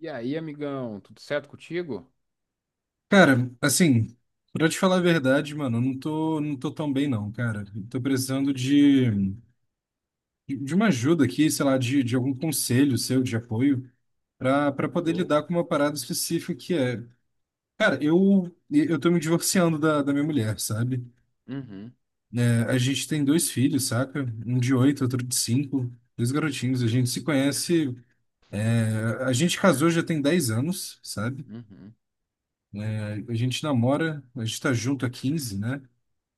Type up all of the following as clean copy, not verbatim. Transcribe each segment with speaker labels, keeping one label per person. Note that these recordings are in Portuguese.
Speaker 1: E aí, amigão, tudo certo contigo?
Speaker 2: Cara, assim, pra te falar a verdade, mano, eu não tô tão bem não, cara. Eu tô precisando de uma ajuda aqui, sei lá, de algum conselho seu, de apoio, pra
Speaker 1: Ô,
Speaker 2: poder lidar
Speaker 1: louco.
Speaker 2: com uma parada específica que é. Cara, eu tô me divorciando da minha mulher, sabe?
Speaker 1: Uhum,
Speaker 2: É, a gente tem dois filhos, saca? Um de 8, outro de 5, dois garotinhos. A gente se conhece. É, a gente casou já tem 10 anos, sabe?
Speaker 1: uhum,
Speaker 2: É, a gente namora, a gente tá junto há 15, né?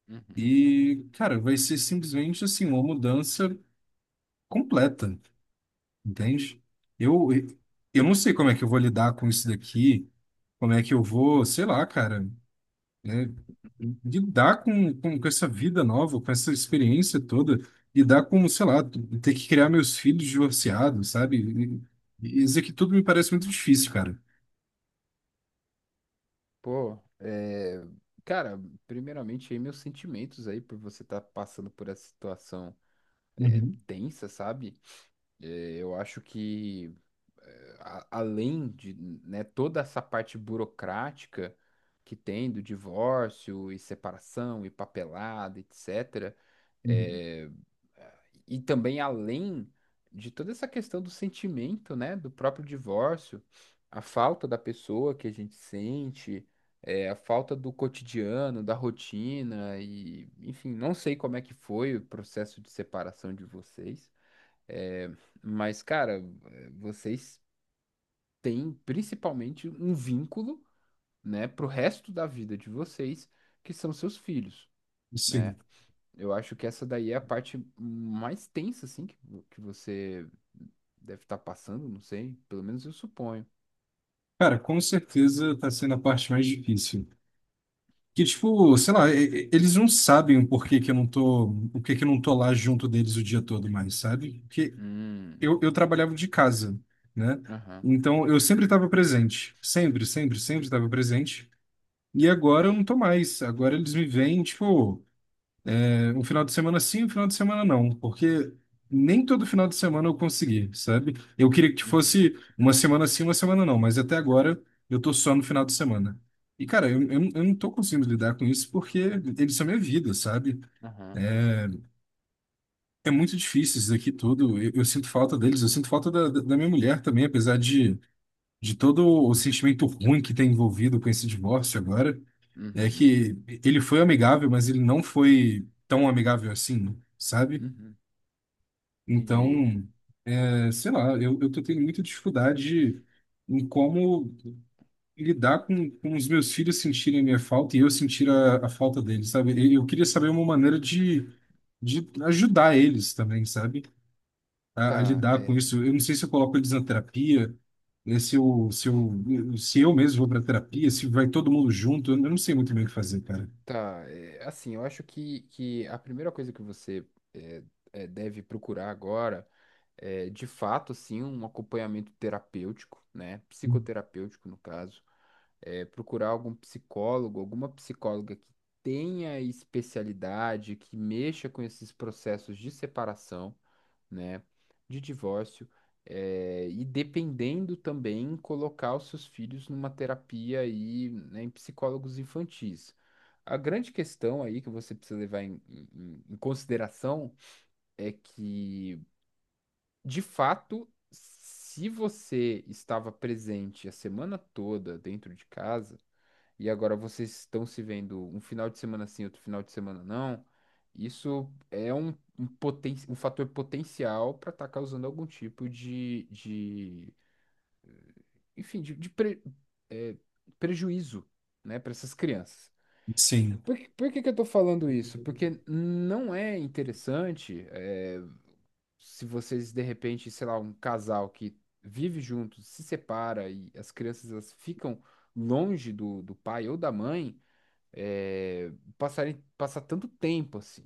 Speaker 1: uhum.
Speaker 2: E, cara, vai ser simplesmente assim, uma mudança completa, entende? Eu, eu não sei como é que eu vou lidar com isso daqui, como é que eu vou, sei lá, cara, né, lidar com essa vida nova, com essa experiência toda, lidar com, sei lá, ter que criar meus filhos divorciados, sabe? E isso aqui tudo me parece muito difícil, cara.
Speaker 1: Pô, é... cara, primeiramente aí meus sentimentos aí por você estar passando por essa situação
Speaker 2: Uhum,
Speaker 1: tensa, sabe? É, eu acho que a- além de, né, toda essa parte burocrática que tem do divórcio e separação e papelada, etc.
Speaker 2: uhum.
Speaker 1: E também além de toda essa questão do sentimento, né, do próprio divórcio, a falta da pessoa que a gente sente, a falta do cotidiano, da rotina e, enfim, não sei como é que foi o processo de separação de vocês, é, mas, cara, vocês têm principalmente um vínculo, né, pro resto da vida de vocês, que são seus filhos. Né?
Speaker 2: Sim.
Speaker 1: Eu acho que essa daí é a parte mais tensa, assim, que você deve estar passando, não sei. Pelo menos eu suponho.
Speaker 2: Cara, com certeza tá sendo a parte mais difícil. Que, tipo, sei lá, eles não sabem o porquê que eu não tô, o que que eu não tô lá junto deles o dia todo mais, sabe? Porque
Speaker 1: Hum,
Speaker 2: eu trabalhava de casa, né?
Speaker 1: aham,
Speaker 2: Então eu sempre estava presente, sempre, sempre, sempre estava presente. E agora eu não tô mais. Agora eles me veem, tipo, um final de semana sim, um final de semana não, porque nem todo final de semana eu consegui, sabe? Eu queria que
Speaker 1: uhum,
Speaker 2: fosse uma semana sim, uma semana não, mas até agora eu tô só no final de semana. E, cara, eu não tô conseguindo lidar com isso porque eles são minha vida, sabe?
Speaker 1: aham,
Speaker 2: É muito difícil isso daqui tudo. Eu sinto falta deles, eu sinto falta da minha mulher também, apesar de todo o sentimento ruim que tem envolvido com esse divórcio agora. É
Speaker 1: uhum,
Speaker 2: que ele foi amigável, mas ele não foi tão amigável assim, sabe?
Speaker 1: uhum. Entendi.
Speaker 2: Então. É, sei lá, eu tô tendo muita dificuldade em como lidar com os meus filhos sentirem a minha falta e eu sentir a falta deles, sabe? E eu queria saber uma maneira de ajudar eles também, sabe? A
Speaker 1: Tá,
Speaker 2: lidar com
Speaker 1: é,
Speaker 2: isso. Eu não sei se eu coloco eles na terapia, né? Se eu mesmo vou pra terapia, se vai todo mundo junto, eu não sei muito bem o que fazer, cara.
Speaker 1: tá, é, assim, eu acho que a primeira coisa que você é, deve procurar agora de fato, assim, um acompanhamento terapêutico, né? Psicoterapêutico, no caso procurar algum psicólogo, alguma psicóloga que tenha especialidade, que mexa com esses processos de separação, né, de divórcio, e dependendo também colocar os seus filhos numa terapia aí, né, em psicólogos infantis. A grande questão aí que você precisa levar em consideração é que, de fato, se você estava presente a semana toda dentro de casa, e agora vocês estão se vendo um final de semana sim, outro final de semana não, isso é um, um, poten um fator potencial para estar causando algum tipo de enfim, de é, prejuízo, né, para essas crianças.
Speaker 2: Sim.
Speaker 1: Por que que eu tô falando isso? Porque não é interessante, se vocês de repente, sei lá, um casal que vive junto, se separa e as crianças elas ficam longe do, do pai ou da mãe, é, passar tanto tempo assim.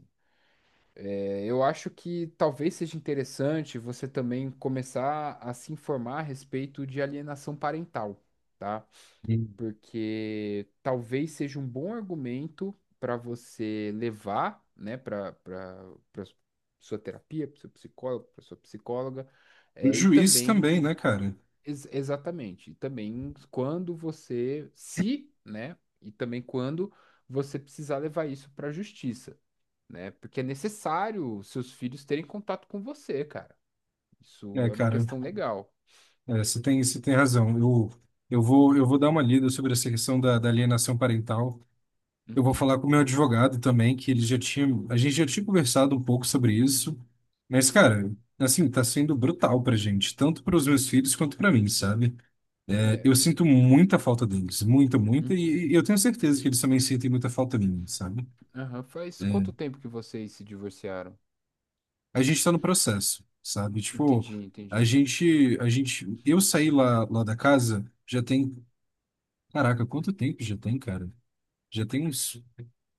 Speaker 1: É, eu acho que talvez seja interessante você também começar a se informar a respeito de alienação parental, tá? Porque talvez seja um bom argumento para você levar, né, para sua terapia, para seu psicólogo, para sua psicóloga,
Speaker 2: O
Speaker 1: é, e
Speaker 2: juiz também,
Speaker 1: também
Speaker 2: né, cara?
Speaker 1: Ex- exatamente. E também quando você precisar levar isso para a justiça, né? Porque é necessário seus filhos terem contato com você, cara. Isso
Speaker 2: É,
Speaker 1: é uma
Speaker 2: cara,
Speaker 1: questão legal.
Speaker 2: é, você tem razão. Eu vou dar uma lida sobre essa questão da alienação parental. Eu vou
Speaker 1: Uhum.
Speaker 2: falar com o meu advogado também, que ele já tinha, a gente já tinha conversado um pouco sobre isso. Mas, cara, assim, tá sendo brutal pra gente, tanto para os meus filhos quanto pra mim, sabe? É, eu
Speaker 1: É.
Speaker 2: sinto muita falta deles, muita, muita,
Speaker 1: Uhum.
Speaker 2: e eu tenho certeza que eles também sentem muita falta minha, sabe?
Speaker 1: Aham. Faz
Speaker 2: É,
Speaker 1: quanto tempo que vocês se divorciaram?
Speaker 2: a gente está no processo, sabe? Tipo,
Speaker 1: Entendi, entendi.
Speaker 2: eu saí lá da casa já tem, caraca, quanto tempo já tem, cara? Já tem uns,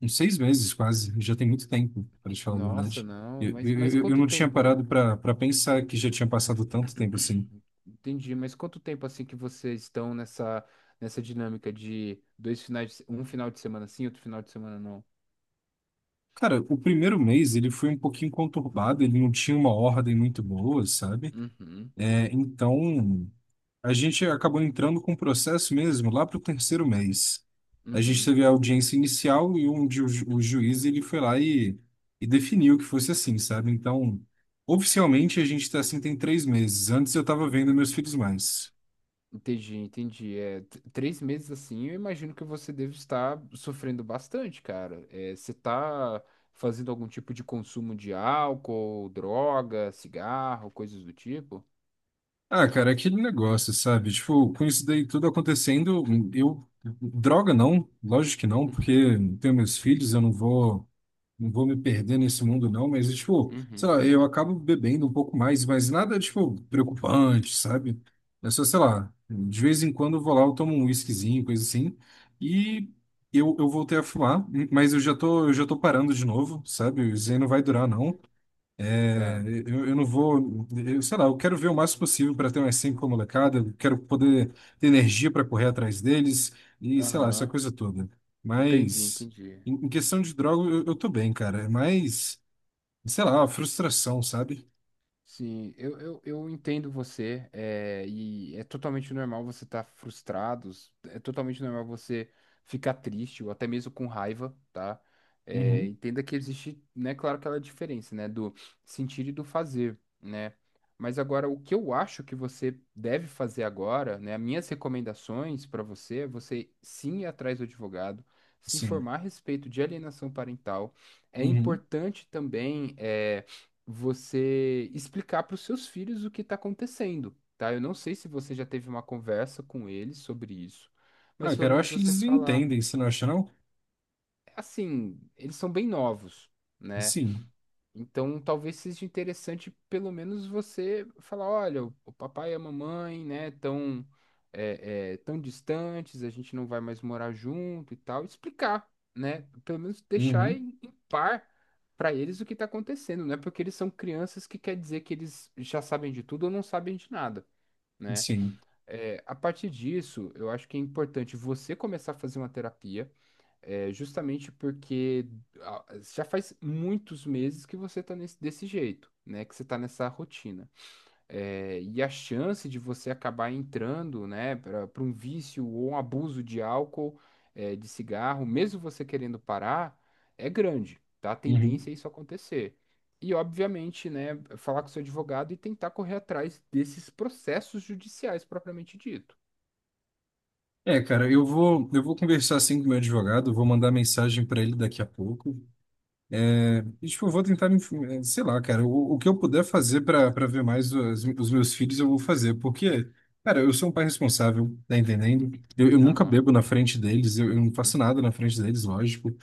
Speaker 2: uns 6 meses quase, já tem muito tempo, para te falar a
Speaker 1: Nossa,
Speaker 2: verdade.
Speaker 1: não.
Speaker 2: Eu, eu,
Speaker 1: Mas
Speaker 2: eu eu
Speaker 1: quanto
Speaker 2: não tinha
Speaker 1: tempo?
Speaker 2: parado para pensar que já tinha passado tanto tempo assim.
Speaker 1: Entendi. Mas quanto tempo assim que vocês estão nessa dinâmica de dois finais, de se- um final de semana sim, outro final de semana não?
Speaker 2: Cara, o primeiro mês ele foi um pouquinho conturbado, ele não tinha uma ordem muito boa, sabe?
Speaker 1: Uhum,
Speaker 2: É, então. A gente acabou entrando com o processo mesmo lá para o terceiro mês. A gente
Speaker 1: uhum,
Speaker 2: teve a audiência inicial e onde o juiz ele foi lá e definiu que fosse assim, sabe? Então, oficialmente a gente está assim tem 3 meses. Antes eu estava vendo meus
Speaker 1: entendi.
Speaker 2: filhos mais.
Speaker 1: Entendi, entendi. É, t- três meses assim, eu imagino que você deve estar sofrendo bastante, cara. É, você tá fazendo algum tipo de consumo de álcool, droga, cigarro, coisas do tipo?
Speaker 2: Ah, cara, é aquele negócio, sabe? Tipo, com isso daí tudo acontecendo, eu. Droga não, lógico que não, porque
Speaker 1: Uhum,
Speaker 2: eu tenho meus filhos, eu não vou. Não vou me perder nesse mundo, não, mas, tipo, sei
Speaker 1: uhum,
Speaker 2: lá, eu acabo bebendo um pouco mais, mas nada, tipo, preocupante, sabe? É só, sei lá, de vez em quando eu vou lá, eu tomo um whiskyzinho, coisa assim, e eu voltei a fumar, mas eu já tô parando de novo, sabe? Isso aí não vai durar, não. É,
Speaker 1: tá.
Speaker 2: eu não vou, eu, sei lá, eu quero ver o máximo possível para ter umas cinco com a molecada, eu quero poder ter energia para correr atrás deles e sei lá, essa
Speaker 1: Aham,
Speaker 2: coisa toda.
Speaker 1: entendi,
Speaker 2: Mas
Speaker 1: entendi.
Speaker 2: em questão de droga, eu tô bem, cara. É mais, sei lá, a frustração, sabe?
Speaker 1: Sim, eu entendo você, é, e é totalmente normal você estar frustrado, é totalmente normal você ficar triste ou até mesmo com raiva, tá? É,
Speaker 2: Uhum,
Speaker 1: entenda que existe, né, claro, aquela diferença, né, do sentir e do fazer, né? Mas agora, o que eu acho que você deve fazer agora, né, as minhas recomendações para você é você sim ir atrás do advogado, se
Speaker 2: sim.
Speaker 1: informar a respeito de alienação parental. É
Speaker 2: Uhum.
Speaker 1: importante também, é, você explicar para os seus filhos o que está acontecendo, tá? Eu não sei se você já teve uma conversa com eles sobre isso,
Speaker 2: Ah,
Speaker 1: mas pelo
Speaker 2: cara, eu
Speaker 1: menos
Speaker 2: acho que
Speaker 1: você
Speaker 2: eles
Speaker 1: falar.
Speaker 2: entendem, você não acha, não?
Speaker 1: É assim, eles são bem novos, né?
Speaker 2: Sim.
Speaker 1: Então, talvez seja interessante pelo menos você falar, olha, o papai e a mamãe, né, tão, tão distantes, a gente não vai mais morar junto e tal, explicar, né, pelo menos deixar
Speaker 2: Uhum,
Speaker 1: par para eles o que está acontecendo, né, porque eles são crianças que quer dizer que eles já sabem de tudo ou não sabem de nada, né.
Speaker 2: sim.
Speaker 1: É, a partir disso, eu acho que é importante você começar a fazer uma terapia, é justamente porque ah, já faz muitos meses que você tá desse jeito, né? Que você tá nessa rotina. É, e a chance de você acabar entrando, né, para um vício ou um abuso de álcool, é, de cigarro, mesmo você querendo parar, é grande, tá? A
Speaker 2: Uhum.
Speaker 1: tendência é isso acontecer. E, obviamente, né, falar com seu advogado e tentar correr atrás desses processos judiciais propriamente dito.
Speaker 2: É, cara, eu vou conversar assim com o meu advogado, vou mandar mensagem para ele daqui a pouco. E, tipo, eu vou tentar, sei lá, cara, o que eu puder fazer para ver mais os meus filhos, eu vou fazer, porque, cara, eu sou um pai responsável, tá entendendo? Eu nunca
Speaker 1: Aham.
Speaker 2: bebo na frente deles, eu não faço
Speaker 1: Uhum.
Speaker 2: nada na frente deles, lógico,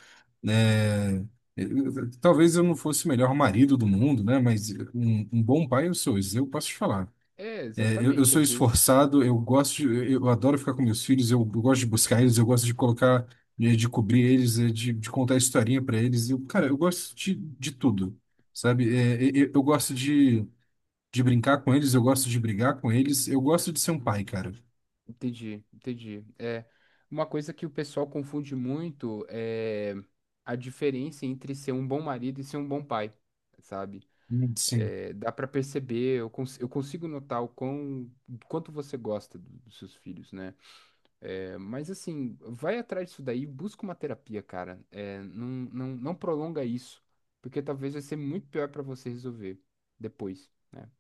Speaker 2: né? Talvez eu não fosse o melhor marido do mundo, né? Mas um bom pai eu sou, isso eu posso te falar.
Speaker 1: É,
Speaker 2: É, eu
Speaker 1: exatamente.
Speaker 2: sou
Speaker 1: Às vezes.
Speaker 2: esforçado, eu gosto, eu adoro ficar com meus filhos, eu gosto de buscar eles, eu gosto de colocar, de cobrir eles, de contar historinha para eles. Eu, cara, eu gosto de tudo,
Speaker 1: Uhum.
Speaker 2: sabe?
Speaker 1: Uhum.
Speaker 2: É, eu gosto de brincar com eles, eu gosto de brigar com eles, eu gosto de ser um pai, cara.
Speaker 1: Entendi, entendi. É, uma coisa que o pessoal confunde muito é a diferença entre ser um bom marido e ser um bom pai, sabe?
Speaker 2: Sim.
Speaker 1: É, dá pra perceber, eu consigo notar o quão, quanto você gosta dos seus filhos, né? É, mas assim, vai atrás disso daí, busca uma terapia, cara. É, não prolonga isso, porque talvez vai ser muito pior pra você resolver depois, né?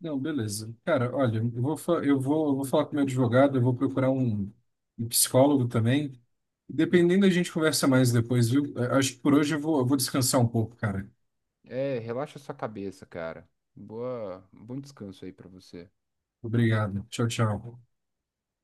Speaker 2: Não, beleza. Cara, olha, eu vou falar com meu advogado, eu vou procurar um psicólogo também. Dependendo, a gente conversa mais depois, viu? Acho que por hoje eu vou descansar um pouco, cara.
Speaker 1: É, relaxa sua cabeça, cara. Boa, bom descanso aí pra você.
Speaker 2: Obrigado. Tchau, tchau.